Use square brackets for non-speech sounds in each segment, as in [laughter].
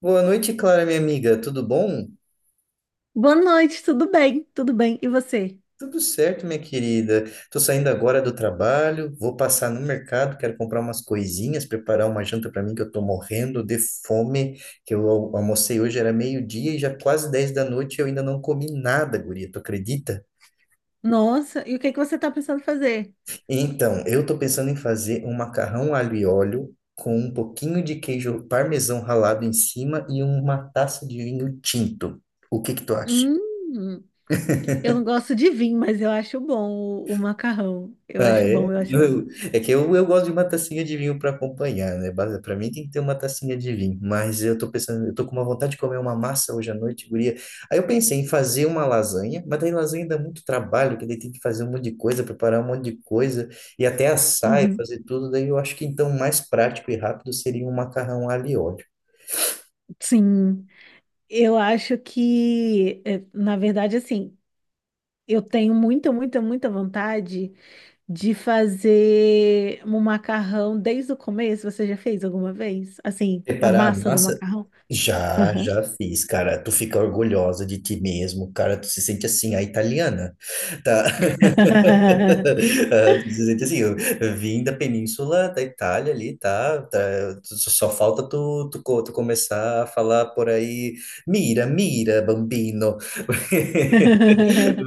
Boa noite, Clara, minha amiga. Tudo bom? Boa noite, tudo bem? Tudo bem. E você? Tudo certo, minha querida. Tô saindo agora do trabalho, vou passar no mercado, quero comprar umas coisinhas, preparar uma janta para mim que eu tô morrendo de fome, que eu almocei hoje era meio-dia e já quase 10 da noite e eu ainda não comi nada, guria, tu acredita? Nossa, e o que é que você está pensando fazer? Então, eu tô pensando em fazer um macarrão alho e óleo com um pouquinho de queijo parmesão ralado em cima e uma taça de vinho tinto. O que que tu acha? Hum, eu não gosto de vinho, mas eu acho bom o macarrão. Eu Ah, acho é? bom, eu acho bom. É que eu gosto de uma tacinha de vinho para acompanhar, né? Pra mim tem que ter uma tacinha de vinho, mas eu tô pensando, eu tô com uma vontade de comer uma massa hoje à noite, guria. Aí eu pensei em fazer uma lasanha, mas daí lasanha dá muito trabalho, que daí tem que fazer um monte de coisa, preparar um monte de coisa, e até assar e Uhum. fazer tudo, daí eu acho que então o mais prático e rápido seria um macarrão alho e óleo. Sim, eu acho que, é, na verdade, assim, eu tenho muita vontade de fazer um macarrão desde o começo. Você já fez alguma vez? Assim, a Preparar a massa do massa? macarrão? Já, Aham. já fiz, cara. Tu fica orgulhosa de ti mesmo, cara. Tu se sente assim, a italiana, tá? [laughs] Tá, assim, eu vim da península da Itália ali, tá? Tá só falta tu começar a falar por aí, mira, mira, bambino.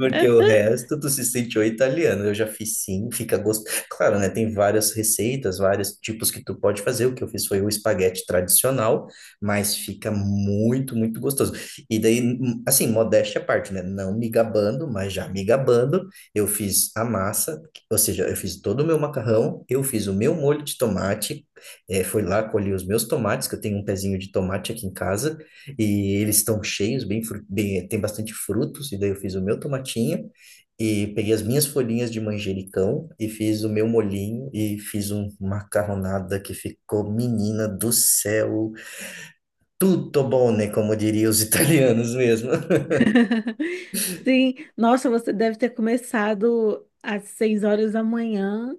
Porque o resto tu se sente o italiano. Eu já fiz sim, fica gosto. Claro, né? Tem várias receitas, vários tipos que tu pode fazer. O que eu fiz foi o espaguete tradicional, mas fica muito, muito gostoso. E daí, assim, modéstia à parte, né? Não me gabando, mas já me gabando, eu fiz a massa, ou seja, eu fiz todo o meu macarrão, eu fiz o meu molho de tomate, fui lá, colhi os meus tomates, que eu tenho um pezinho de tomate aqui em casa. E eles estão cheios, bem, bem, tem bastante frutos, e daí eu fiz o meu tomatinho e peguei as minhas folhinhas de manjericão e fiz o meu molhinho e fiz uma macarronada que ficou, menina do céu, tudo bom, né? Como diriam os italianos mesmo. [laughs] Sim, nossa, você deve ter começado às 6 horas da manhã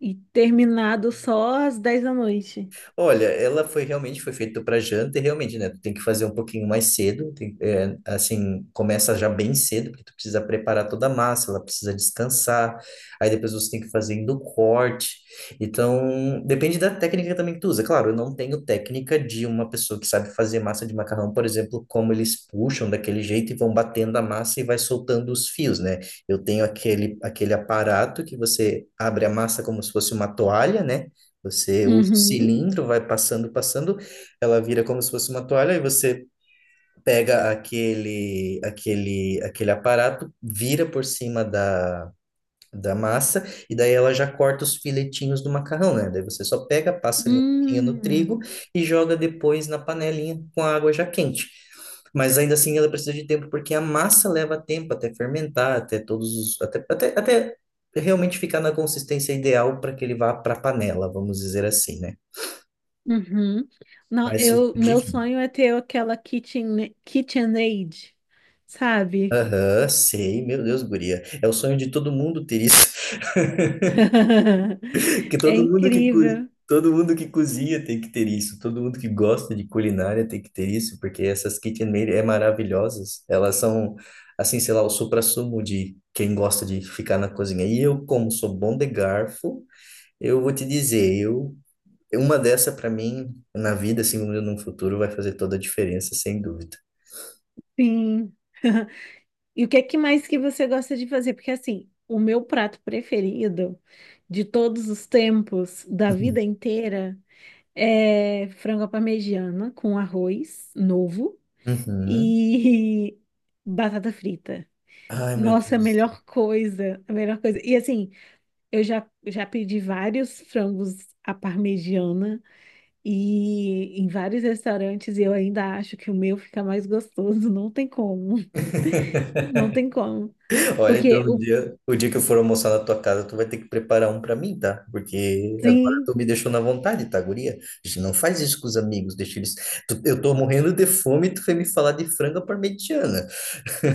e terminado só às 10 da noite. Olha, ela foi realmente foi feita para janta e realmente, né? Tu tem que fazer um pouquinho mais cedo, é, assim, começa já bem cedo, porque tu precisa preparar toda a massa, ela precisa descansar, aí depois você tem que ir fazendo o corte. Então, depende da técnica também que tu usa. Claro, eu não tenho técnica de uma pessoa que sabe fazer massa de macarrão, por exemplo, como eles puxam daquele jeito e vão batendo a massa e vai soltando os fios, né? Eu tenho aquele, aparato que você abre a massa como se fosse uma toalha, né? Você usa o Uhum. cilindro, vai passando, passando, ela vira como se fosse uma toalha, e você pega aquele aparato, vira por cima da, massa, e daí ela já corta os filetinhos do macarrão, né? Daí você só pega, passa ali um pouquinho no Hum, trigo e joga depois na panelinha com a água já quente. Mas ainda assim ela precisa de tempo, porque a massa leva tempo até fermentar, até todos os, até realmente ficar na consistência ideal para que ele vá para a panela, vamos dizer assim, né? uhum. Não, Vai ser eu, meu divino. sonho é ter aquela KitchenAid, sabe? Aham, sei, meu Deus, guria. É o sonho de todo mundo ter isso. [laughs] [laughs] Que É todo mundo que, co- incrível, todo mundo que cozinha tem que ter isso. Todo mundo que gosta de culinária tem que ter isso, porque essas KitchenAid é maravilhosas. Elas são, assim, sei lá, o suprassumo de quem gosta de ficar na cozinha. E eu, como sou bom de garfo, eu vou te dizer, eu, uma dessa para mim, na vida, assim, no futuro, vai fazer toda a diferença, sem dúvida. sim. [laughs] E o que é que mais que você gosta de fazer? Porque assim, o meu prato preferido de todos os tempos, da vida [laughs] inteira, é, frango à parmegiana com arroz novo Uhum. e [laughs] batata frita. Ai, meu Nossa, é a Deus. melhor coisa, a melhor coisa. E assim, eu já pedi vários frangos à parmegiana e em vários restaurantes e eu ainda acho que o meu fica mais gostoso. Não tem como, [laughs] não tem como. Olha, então Porque o o dia, que eu for almoçar na tua casa, tu vai ter que preparar um pra mim, tá? Porque agora sim. tu me deixou na vontade, tá, guria? A gente não faz isso com os amigos, deixa eles. Eu tô morrendo de fome e tu foi me falar de franga parmegiana.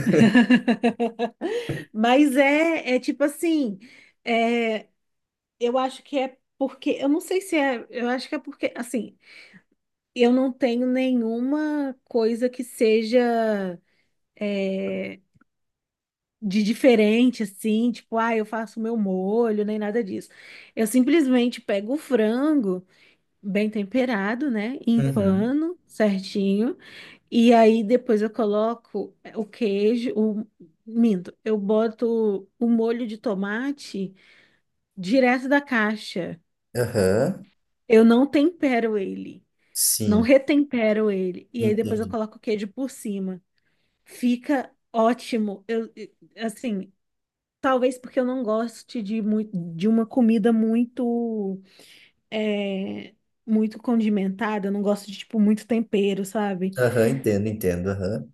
[laughs] Mas é, é tipo assim, é, eu acho que é porque, eu não sei se é, eu acho que é porque, assim, eu não tenho nenhuma coisa que seja de diferente, assim, tipo, ah, eu faço meu molho, nem nada disso. Eu simplesmente pego o frango bem temperado, né, em Uhum. pano, certinho, e aí depois eu coloco o queijo, o, minto, eu boto o molho de tomate direto da caixa. Aham. Eu não tempero ele. Não Sim, retempero ele. E aí depois eu entendi. coloco o queijo por cima. Fica ótimo. Assim, talvez porque eu não goste de, de uma comida muito, é, muito condimentada. Eu não gosto de, tipo, muito tempero, sabe? Aham, entendo, entendo. Aham.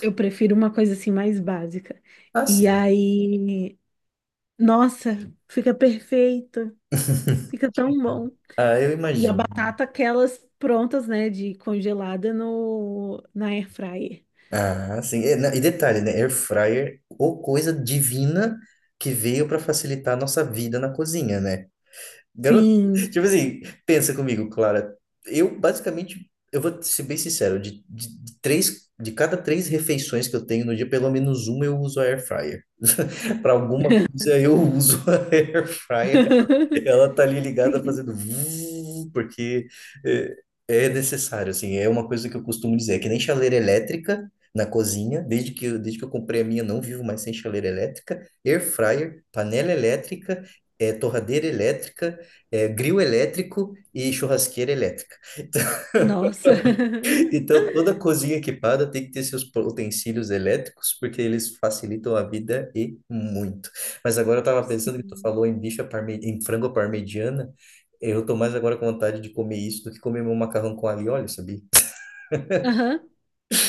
Eu prefiro uma coisa assim mais básica. Ah, E sim. aí, nossa, fica perfeito. [laughs] Fica tão bom. Ah, eu E a imagino. batata, aquelas prontas, né, de congelada no, na air fryer. Ah, sim. E, e detalhe, né? Air fryer, ou coisa divina que veio para facilitar a nossa vida na cozinha, né? Garoto, [laughs] Sim. tipo assim, pensa comigo, Clara. Eu basicamente, eu vou ser bem sincero, de cada três refeições que eu tenho no dia, pelo menos uma eu uso a air fryer. [laughs] Para alguma [laughs] coisa eu uso a [laughs] air fryer, [laughs] ela tá ali ligada Sim. fazendo vuv, porque é, é necessário, assim, é uma coisa que eu costumo dizer, é que nem chaleira elétrica na cozinha, desde que eu comprei a minha, não vivo mais sem chaleira elétrica, air fryer, panela elétrica, torradeira elétrica, grill elétrico e churrasqueira elétrica. Nossa. [laughs] Então, toda cozinha equipada tem que ter seus utensílios elétricos, porque eles facilitam a vida e muito. Mas agora eu estava pensando que tu Sim. falou em frango à parmegiana, eu tô mais agora com vontade de comer isso do que comer meu macarrão com alho e óleo, sabia? Aham.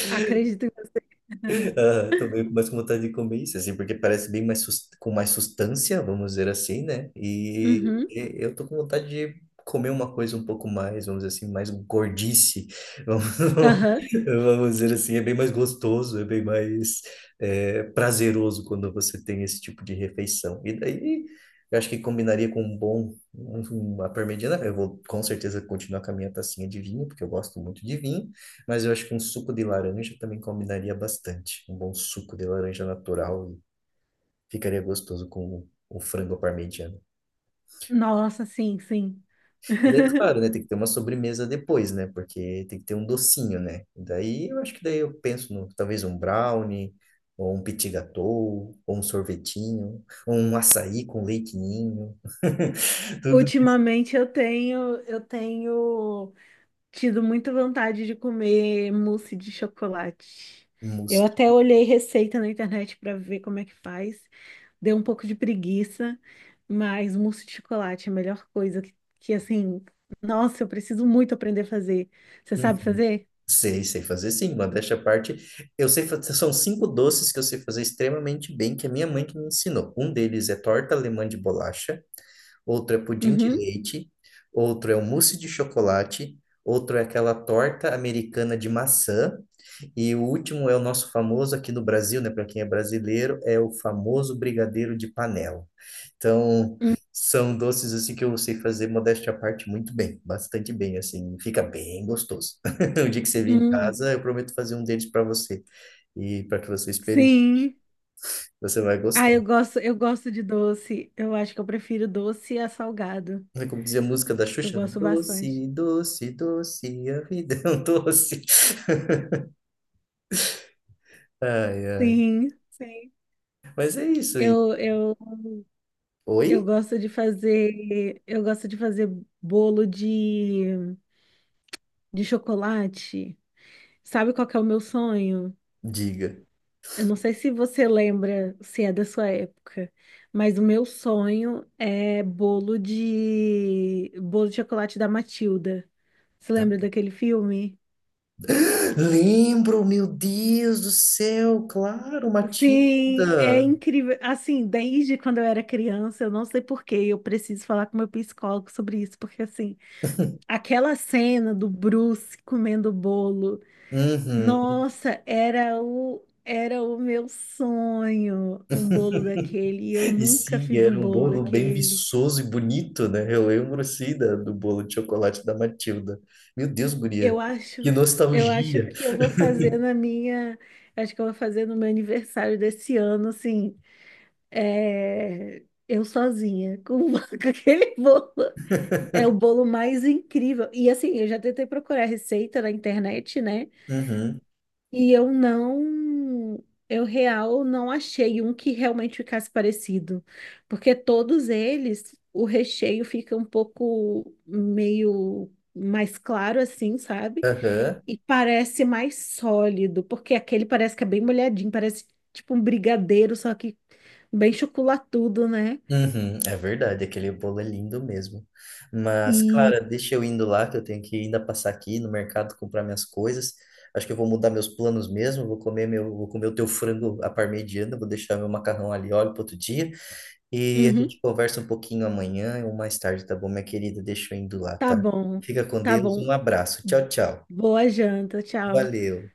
Acredito em você. [laughs] Ah, tô meio mais com vontade de comer isso, assim, porque parece bem mais com mais sustância, vamos dizer assim, né? E, Uhum. e eu tô com vontade de comer uma coisa um pouco mais, vamos dizer assim, mais gordice, vamos, Aham. [laughs] vamos dizer assim, é bem mais gostoso, é bem mais prazeroso quando você tem esse tipo de refeição. E daí, eu acho que combinaria com um bom, uma parmegiana, eu vou com certeza continuar com a minha tacinha de vinho, porque eu gosto muito de vinho, mas eu acho que um suco de laranja também combinaria bastante. Um bom suco de laranja natural e ficaria gostoso com o frango parmegiana. Nossa, sim, sim. E daí, [laughs] claro, né? Tem que ter uma sobremesa depois, né? Porque tem que ter um docinho, né? Daí eu acho que daí eu penso no talvez um brownie, ou um petit gâteau, ou um sorvetinho, ou um açaí com leite ninho. [laughs] Tudo isso. Ultimamente eu tenho tido muita vontade de comer mousse de chocolate. Um Eu mousse. até olhei receita na internet para ver como é que faz. Deu um pouco de preguiça, mas mousse de chocolate é a melhor coisa que assim, nossa, eu preciso muito aprender a fazer. Você sabe fazer? Sei fazer sim, modéstia à parte. Eu sei fazer, são cinco doces que eu sei fazer extremamente bem, que a minha mãe que me ensinou. Um deles é torta alemã de bolacha, outro é pudim de Uhum. leite, outro é um mousse de chocolate, outro é aquela torta americana de maçã, e o último é o nosso famoso aqui no Brasil, né? Para quem é brasileiro, é o famoso brigadeiro de panela. Então, Hum, são doces assim que eu sei fazer, modéstia à parte, muito bem, bastante bem, assim, fica bem gostoso. [laughs] O dia que você vir em hum. casa, eu prometo fazer um deles para você. E para que você experimente, Sim. você vai Ah, gostar. Eu gosto de doce. Eu acho que eu prefiro doce a salgado. É, como dizia a música da Eu Xuxa, né? gosto bastante. Doce, doce, doce, a vida é um doce. [laughs] Ai, ai. Sim, sim. Mas é isso. E... Eu, eu, eu Oi? gosto de fazer, eu gosto de fazer bolo de chocolate. Sabe qual que é o meu sonho? Diga. Eu não sei se você lembra, se é da sua época, mas o meu sonho é bolo de chocolate da Matilda. Você Tá. lembra daquele filme? Lembro, meu Deus do céu, claro, Sim, é Matilda. incrível. Assim, desde quando eu era criança, eu não sei por quê, eu preciso falar com meu psicólogo sobre isso, porque assim, aquela cena do Bruce comendo o bolo, Uhum. nossa, era o meu sonho, um bolo daquele, e eu E nunca sim, fiz um era um bolo bolo bem daquele. viçoso e bonito, né? Eu lembro, sim, do bolo de chocolate da Matilda. Meu Deus, guria, Eu que acho, eu acho nostalgia. que eu vou fazer na minha, acho que eu vou fazer no meu aniversário desse ano, assim, é, eu sozinha, com [laughs] com aquele bolo. É o bolo mais incrível. E assim, eu já tentei procurar receita na internet, né? Uhum. E eu não, eu real não achei um que realmente ficasse parecido, porque todos eles, o recheio fica um pouco meio mais claro assim, sabe? Aham. E parece mais sólido, porque aquele parece que é bem molhadinho, parece tipo um brigadeiro, só que bem chocolatudo, né? Uhum, é verdade, aquele bolo é lindo mesmo. Mas, E Clara, deixa eu indo lá, que eu tenho que ainda passar aqui no mercado comprar minhas coisas. Acho que eu vou mudar meus planos mesmo, vou comer o teu frango à parmegiana, vou deixar meu macarrão ali óleo para outro dia. E a uhum. gente conversa um pouquinho amanhã ou mais tarde, tá bom, minha querida? Deixa eu indo lá, Tá tá? bom, Fica com tá Deus, um bom. abraço. Tchau, tchau. Boa janta, tchau. Valeu.